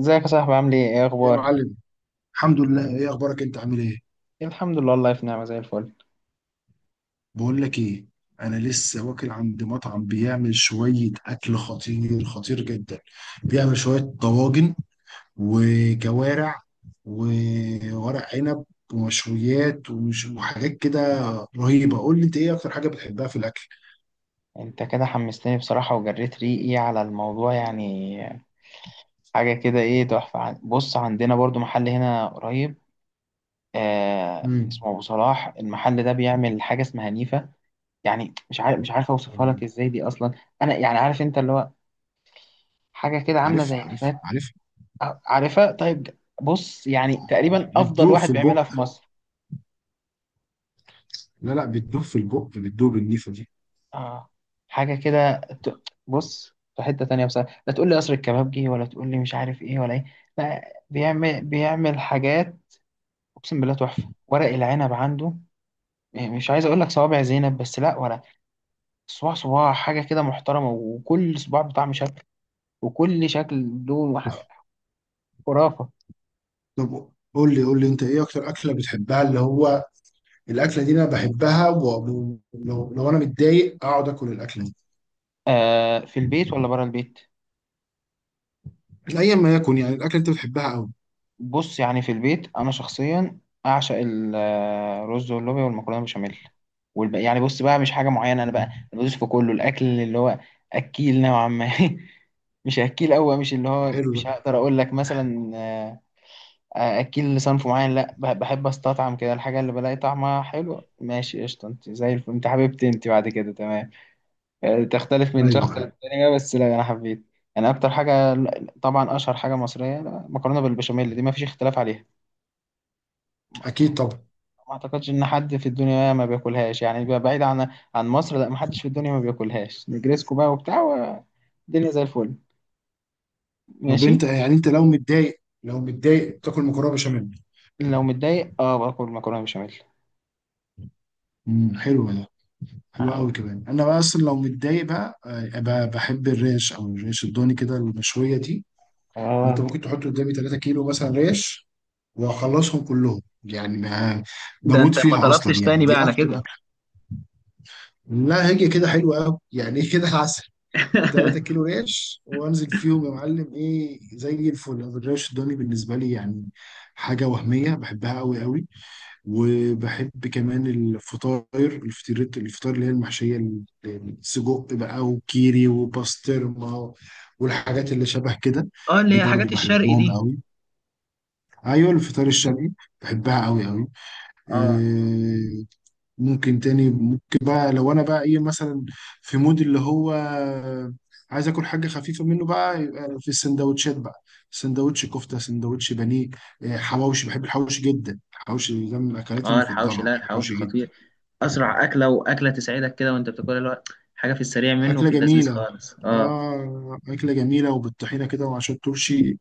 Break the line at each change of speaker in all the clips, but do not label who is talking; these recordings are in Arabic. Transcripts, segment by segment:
ازيك يا صاحبي؟ عامل ايه؟ ايه
يا
اخبارك؟
معلم. الحمد لله، ايه اخبارك؟ انت عامل ايه؟
الحمد لله والله في نعمه زي الفل.
بقول لك ايه، انا لسه واكل عند مطعم بيعمل شويه اكل خطير خطير جدا. بيعمل شويه طواجن وكوارع وورق عنب ومشويات ومش وحاجات كده رهيبه. قول لي انت ايه اكتر حاجه بتحبها في الاكل؟
انت كده حمستني بصراحه وجريت ريقي على الموضوع يعني. حاجه كده ايه تحفه بص، عندنا برضو محل هنا قريب آه،
امم.
اسمه ابو صلاح. المحل ده بيعمل حاجه اسمها نيفا. يعني مش عارف اوصفها لك ازاي دي اصلا. انا يعني عارف، انت اللي هو حاجه كده عامله
عارف
زي
عارف
الفات.
عارف
عارفها؟ طيب بص، يعني
عارف.
تقريبا افضل
بتدوب
واحد
في
بيعملها
البق؟
في مصر.
لا لا، بتدوب في البق بتدوب النيفه دي.
اه، حاجة كده بص، في حتة تانية بصراحة، لا تقول لي قصر الكبابجي ولا تقول لي مش عارف ايه ولا ايه. لا، بيعمل حاجات، اقسم بالله تحفة. ورق العنب عنده، يعني مش عايز اقول لك صوابع زينب، بس لا، ولا صباع صباع، حاجة كده محترمة، وكل صباع بطعم شكل، وكل شكل له خرافة.
طب قول لي انت ايه اكتر اكله بتحبها اللي هو؟ الاكله دي انا بحبها، لو انا متضايق اقعد اكل الاكله دي.
آه، في البيت ولا بره البيت؟
ايا ما يكن، يعني الاكله انت بتحبها قوي.
بص يعني في البيت انا شخصيا اعشق الرز واللوبيا والمكرونه بشاميل يعني بص بقى، مش حاجه معينه انا بقى،
مم.
أنا بدوس في كله، الاكل اللي هو اكيل نوعا ما. مش اكيل قوي، مش اللي هو
حلو
مش
ده.
هقدر اقول لك مثلا اكيل لصنف معين، لا، بحب استطعم كده الحاجه اللي بلاقي طعمها حلو. ماشي قشطه، انت زي الفل، انت حبيبتي، انت بعد كده تمام. آه، تختلف
ايوه
من شخص
ايوه،
للتاني بقى، بس لا انا حبيت. انا اكتر حاجه، طبعا اشهر حاجه مصريه، مكرونه بالبشاميل، دي ما فيش اختلاف عليها.
اكيد طبعا.
ما اعتقدش ان حد في الدنيا ما بياكلهاش، يعني بقى بعيد عن عن مصر، لا ما حدش في الدنيا ما بياكلهاش. نجريسكو بقى وبتاع، والدنيا زي الفل،
طب
ماشي.
انت يعني انت لو متضايق تاكل مكرونه بشاميل؟
لو متضايق اه باكل مكرونه بشاميل.
امم، حلو ده. حلو قوي
آه.
كمان. انا بقى اصلا لو متضايق بقى بحب الريش او الريش الضاني كده المشويه دي. انت
اه،
ممكن تحط قدامي 3 كيلو مثلا ريش واخلصهم كلهم، يعني ما
ده
بموت
انت ما
فيها اصلا
طلبتش
يعني،
تاني بقى
دي
على
اكتر
كده.
اكل. لا هي كده حلوه قوي يعني كده عسل. 3 كيلو ريش وانزل فيهم يا معلم، ايه زي الفل. أنا الريش الضاني بالنسبه لي يعني حاجه وهميه، بحبها قوي قوي. وبحب كمان الفطاير اللي هي المحشيه السجق بقى وكيري وباسترما والحاجات اللي شبه كده.
اه، اللي
دي
هي
برضو
حاجات الشرق
بحبهم
دي.
قوي. ايوه الفطار الشرقي، بحبها قوي قوي.
اه
ممكن تاني ممكن بقى، لو انا بقى ايه مثلا في مود اللي هو عايز اكل حاجه خفيفه منه بقى، يبقى في السندوتشات بقى. سندوتش كفته، سندوتش بانيه، حواوشي. بحب الحواوشي جدا، الحواوشي ده من اكلاتي
اه، الحوشي،
المفضله،
لا
بحب
الحوشي
الحواوشي جدا.
خطير. اسرع اكله، واكله تسعدك كده وانت بتاكلها، اللي هو حاجه في السريع منه
اكله
وفي اللذيذ
جميله.
خالص، اه.
اه اكله جميله وبالطحينه كده وعشان الترشي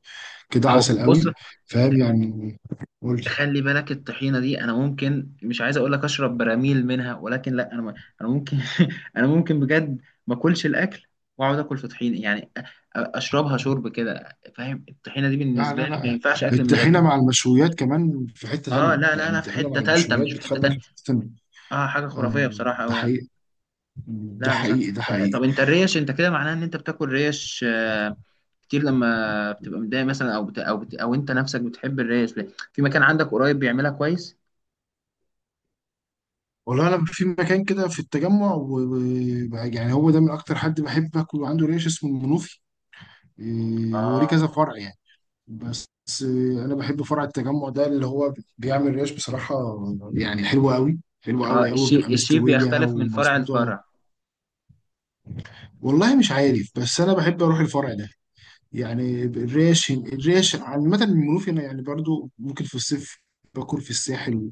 كده
اهو
عسل
بص،
قوي. فاهم يعني. قول لي.
خلي بالك الطحينه دي انا ممكن، مش عايز اقول لك اشرب براميل منها، ولكن لا انا انا ممكن، انا ممكن بجد ما اكلش الاكل واقعد اكل في طحينه، يعني اشربها شرب كده، فاهم؟ الطحينه دي
لا
بالنسبه
لا
لي ما
لا،
ينفعش اكل من غيرها.
الطحينه مع المشويات كمان في حته
اه
ثانيه،
لا لا
يعني
لا في
الطحينه مع
حته تالته
المشويات
مش في حته
بتخليك
تانيه.
في حته ثانيه.
اه، حاجه
آه،
خرافيه بصراحه
ده
قوي يعني.
حقيقي. ده
لا بصراحه،
حقيقي ده حقيقي.
طب انت الريش، انت كده معناها ان انت بتاكل ريش آه، كتير، لما بتبقى متضايق مثلا او انت نفسك بتحب الريش ليه؟ في مكان عندك قريب بيعملها كويس؟
والله انا في مكان كده في التجمع يعني هو ده من اكتر حد بحب اكل عنده ريش، اسمه المنوفي. إيه، هو ليه
اه
كذا فرع يعني؟ بس إيه، انا بحب فرع التجمع ده اللي هو بيعمل ريش بصراحة، يعني حلوة قوي حلوة
اه،
قوي قوي، بتبقى
الشيء
مستوية
بيختلف من فرع
ومظبوطة.
لفرع.
والله مش عارف بس انا بحب اروح الفرع ده. يعني الريش عامة المنوفي، انا يعني برضو ممكن في الصيف باكل في الساحل،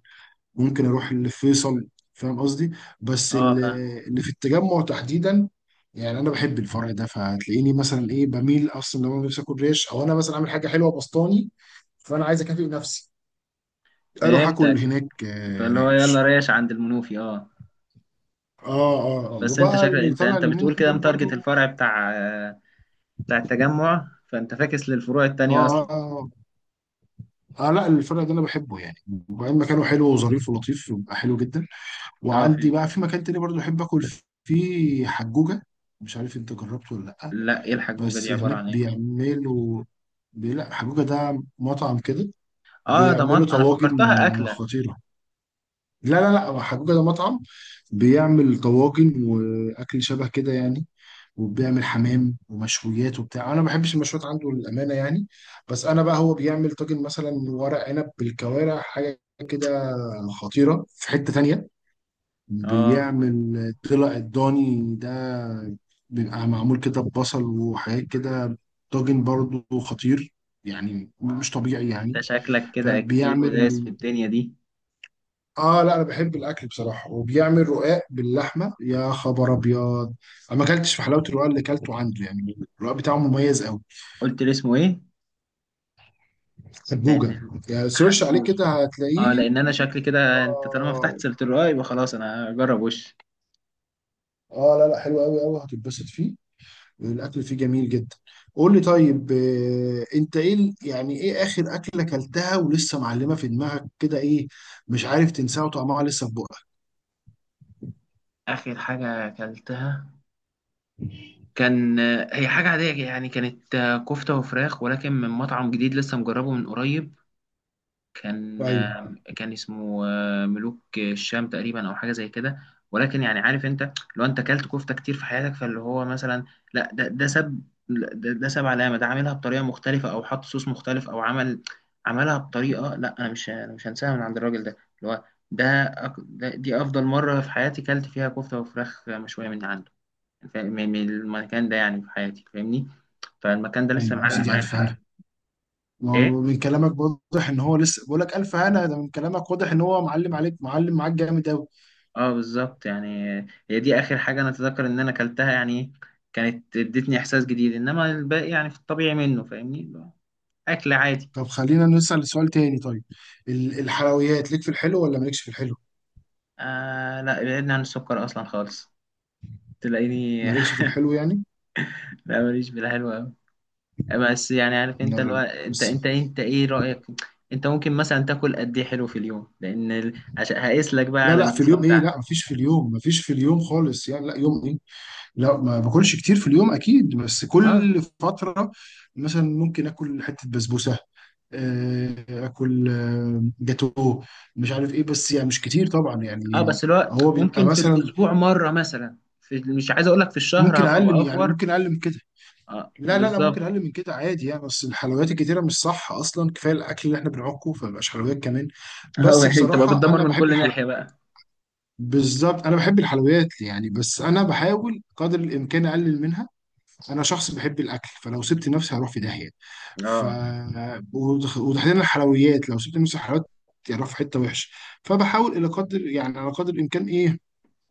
ممكن اروح اللي في فيصل، فاهم قصدي؟ بس
اه،
اللي اللي في التجمع تحديدا، يعني انا بحب الفرع ده، فهتلاقيني مثلا ايه بميل اصلا لو انا نفسي اكل ريش، او انا مثلا عامل حاجه حلوه بسطاني فانا عايز اكافئ نفسي، اروح
فهمتك،
اكل هناك
فاللي هو يلا
ريش.
ريش عند المنوفي اه.
اه اه اه.
بس انت
وبقى
شكلك،
اللي
انت
طلع
انت
اليومين
بتقول كده
دول
متارجت
برضو.
الفرع بتاع آه، بتاع التجمع، فانت فاكس للفروع
اه
التانية اصلا.
اه اه. لا الفرع ده انا بحبه يعني، وبعدين مكانه حلو وظريف ولطيف، بيبقى حلو جدا.
اه
وعندي بقى
فهمت.
في مكان تاني برضو احب اكل فيه، حجوجه. مش عارف انت جربته ولا لا.
لا، ايه الحجوجة
بس
دي؟ عبارة
هناك
عن ايه؟
بيعملوا لا حجوجة ده مطعم كده،
اه،
بيعملوا
انا
طواجن
فكرتها اكلة.
خطيرة. لا لا لا، حجوجة ده مطعم، بيعمل طواجن وأكل شبه كده يعني، وبيعمل حمام ومشويات وبتاع. أنا ما بحبش المشويات عنده للأمانة يعني، بس أنا بقى هو بيعمل طاجن مثلا ورق عنب بالكوارع حاجة كده خطيرة. في حتة تانية
اه،
بيعمل طلع الضاني ده، بيبقى معمول كده ببصل وحاجات كده، طاجن برضو خطير، يعني مش طبيعي يعني.
انت شكلك كده اكيل ودايس
فبيعمل،
في الدنيا دي.
اه لا انا بحب الاكل بصراحه. وبيعمل رقاق باللحمه، يا خبر ابيض. انا ما اكلتش في حلاوه الرقاق اللي اكلته عنده، يعني الرقاق بتاعه مميز قوي.
قلت لي اسمه ايه؟ لان
سبوجه، يعني سيرش عليه
حجوج،
كده
اه
هتلاقيه.
لان انا شكلي كده، انت طالما
اه.
فتحت سيرة الرقاق يبقى خلاص انا اجرب. وش
لا لا، حلو قوي قوي، هتتبسط فيه، الاكل فيه جميل جدا. قول لي طيب انت ايه يعني ايه اخر اكله اكلتها ولسه معلمه في دماغك كده؟ ايه مش عارف تنساها وطعمها لسه في بقك.
اخر حاجة اكلتها؟ كان، هي حاجة عادية يعني، كانت كفتة وفراخ ولكن من مطعم جديد لسه مجربه من قريب. كان،
ايوه
كان اسمه ملوك الشام تقريبا أو حاجة زي كده، ولكن يعني عارف أنت لو أنت أكلت كفتة كتير في حياتك، فاللي هو مثلا لا، ده ساب، لا، ده ساب علامة. ده عاملها بطريقة مختلفة أو حط صوص مختلف أو عمل، عملها بطريقة، لا أنا مش هنساها من عند الراجل ده اللي هو، ده دي أفضل مرة في حياتي كلت فيها كفتة وفراخ مشوية من عنده. من من المكان ده يعني في حياتي فاهمني، فالمكان ده لسه
ايوه، يا
معلق
سيدي
معايا
الف هنا. ما
ايه.
هو من كلامك واضح ان هو لسه، بقول لك الف هنا ده من كلامك واضح ان هو معلم عليك، معلم معاك جامد قوي.
اه بالظبط يعني، هي دي اخر حاجه انا اتذكر ان انا اكلتها يعني، كانت ادتني احساس جديد، انما الباقي يعني في الطبيعي منه فاهمني، اكل عادي.
طب خلينا نسال سؤال تاني طيب. الحلويات ليك في الحلو ولا مالكش في الحلو؟
آه لا، بعدنا عن السكر اصلا خالص، تلاقيني
مالكش في الحلو يعني.
لا ماليش في الحلو قوي. بس يعني عارف
لا
انت اللي هو،
لا.
انت
بس
انت انت ايه رايك؟ انت ممكن مثلا تاكل قد ايه حلو في اليوم؟ لان عشان هقيس لك بقى
لا
على
لا في
النسبه
اليوم ايه،
بتاعتك.
لا مفيش في اليوم، مفيش في اليوم خالص يعني، لا يوم إيه؟ لا ما باكلش كتير في اليوم اكيد، بس
اه
كل فتره مثلا ممكن اكل حته بسبوسه، اكل جاتو، مش عارف ايه، بس يعني مش كتير طبعا
اه،
يعني.
بس الوقت
هو بيبقى
ممكن في
مثلا
الاسبوع مره مثلا، في مش عايز اقول لك في الشهر
ممكن
هبقى
يعني
بافور.
ممكن اقل من كده.
اه
لا لا لا،
بالظبط.
ممكن اقل من كده عادي يعني، بس الحلويات الكتيره مش صح اصلا، كفايه الاكل اللي احنا بنعكه، فمبقاش حلويات كمان.
اه،
بس
يعني تبقى
بصراحه
بتدمر
انا
من
بحب
كل
الحلويات،
ناحيه بقى.
بالظبط انا بحب الحلويات يعني، بس انا بحاول قدر الامكان اقلل منها. انا شخص بحب الاكل، فلو سبت نفسي هروح في داهيه. ف
اه
وتحديدا الحلويات، لو سبت نفسي حلويات هروح في حته وحشه. فبحاول الى قدر يعني على قدر الامكان ايه،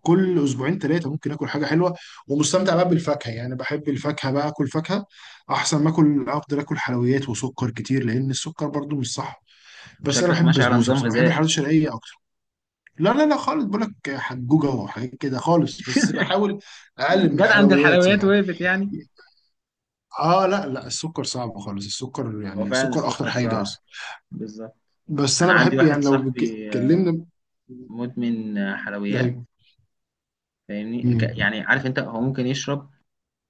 كل اسبوعين ثلاثه ممكن اكل حاجه حلوه، ومستمتع بقى بالفاكهه. يعني بحب الفاكهه بقى، اكل فاكهه احسن ما اكل، افضل اكل حلويات وسكر كتير لان السكر برضو مش صح. بس انا
شكلك
بحب
ماشي على
البسبوسه
نظام
بصراحه، بحب
غذائي.
الحلويات الشرقيه اكتر. لا لا لا خالص، بقول لك حجوجه وحاجات كده خالص، بس بحاول اقلل من
جت عند
الحلويات
الحلويات
يعني.
وقفت يعني.
اه لا لا، السكر صعب خالص، السكر
هو
يعني
فعلا
السكر اخطر
السكر
حاجه
صعب،
اصلا.
بالظبط.
بس انا
انا عندي
بحب،
واحد
يعني لو
صاحبي آه،
اتكلمنا.
مدمن حلويات،
ايوه.
فاهمني؟
أمم.
يعني عارف انت هو ممكن يشرب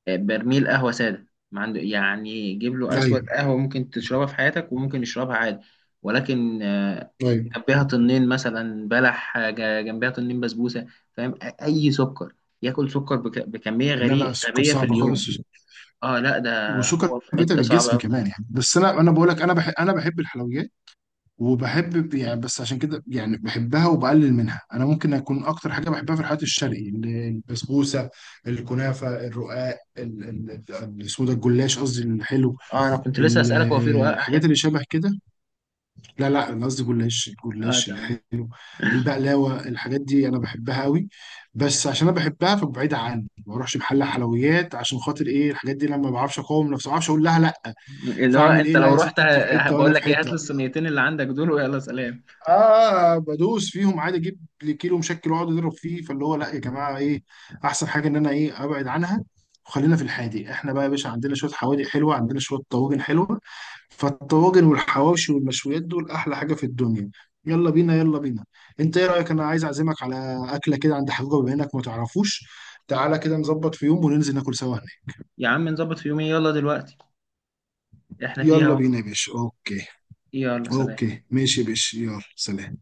برميل قهوة سادة ما عنده يعني، جيب له أسود
ايوه
قهوة ممكن تشربها في حياتك، وممكن يشربها عادي، ولكن آه،
ايوه.
جنبها طنين مثلا بلح، آه، جنبها طنين بسبوسة، فاهم؟ أي سكر، ياكل سكر بكمية
لا لا،
غريبة
السكر
غبية في
صعب
اليوم.
خالص،
اه لا، ده
وسكر
هو في
بيتعب
حتة صعبة
الجسم كمان
أوي.
يعني. بس انا بقول لك انا بحب الحلويات، وبحب يعني، بس عشان كده يعني بحبها وبقلل منها. انا ممكن اكون اكتر حاجه بحبها في الحلويات الشرقي البسبوسه، الكنافه، الرقاق السودا، الجلاش قصدي الحلو،
اه أنا كنت لسه أسألك، هو في رقاق
الحاجات
حلو؟
اللي شبه كده. لا لا، انا قصدي
اه
الجلاش
تمام.
الحلو، البقلاوه، الحاجات دي انا بحبها قوي. بس عشان انا بحبها فبعيد عني، ما اروحش محل حلويات عشان خاطر ايه الحاجات دي، لما ما بعرفش اقاوم نفسي، ما بعرفش اقول لها لا.
اللي هو
فاعمل
أنت
ايه؟ لا
لو
يا
رحت
ست، انت في حته وانا
بقول
في
لك إيه، هات لي
حته.
الصينيتين اللي عندك دول ويلا سلام.
اه بدوس فيهم عادي، اجيب لي كيلو مشكل واقعد اضرب فيه. فاللي هو لا يا جماعه، ايه احسن حاجه ان انا ايه ابعد عنها. وخلينا في الحادق احنا بقى يا باشا، عندنا شويه حوادق حلوه، عندنا شويه طواجن حلوه، فالطواجن والحواوشي والمشويات دول احلى حاجه في الدنيا. يلا بينا، يلا بينا. انت ايه رايك؟ انا عايز اعزمك على اكله كده عند حجوجه، بما انك ما تعرفوش، تعالى كده نظبط في يوم وننزل ناكل سوا هناك.
يا عم نظبط في يومين، يلا دلوقتي إحنا فيها
يلا
أهو.
بينا يا باشا، اوكي.
يلا سلام.
اوكي ماشي يا باشا، يلا سلام.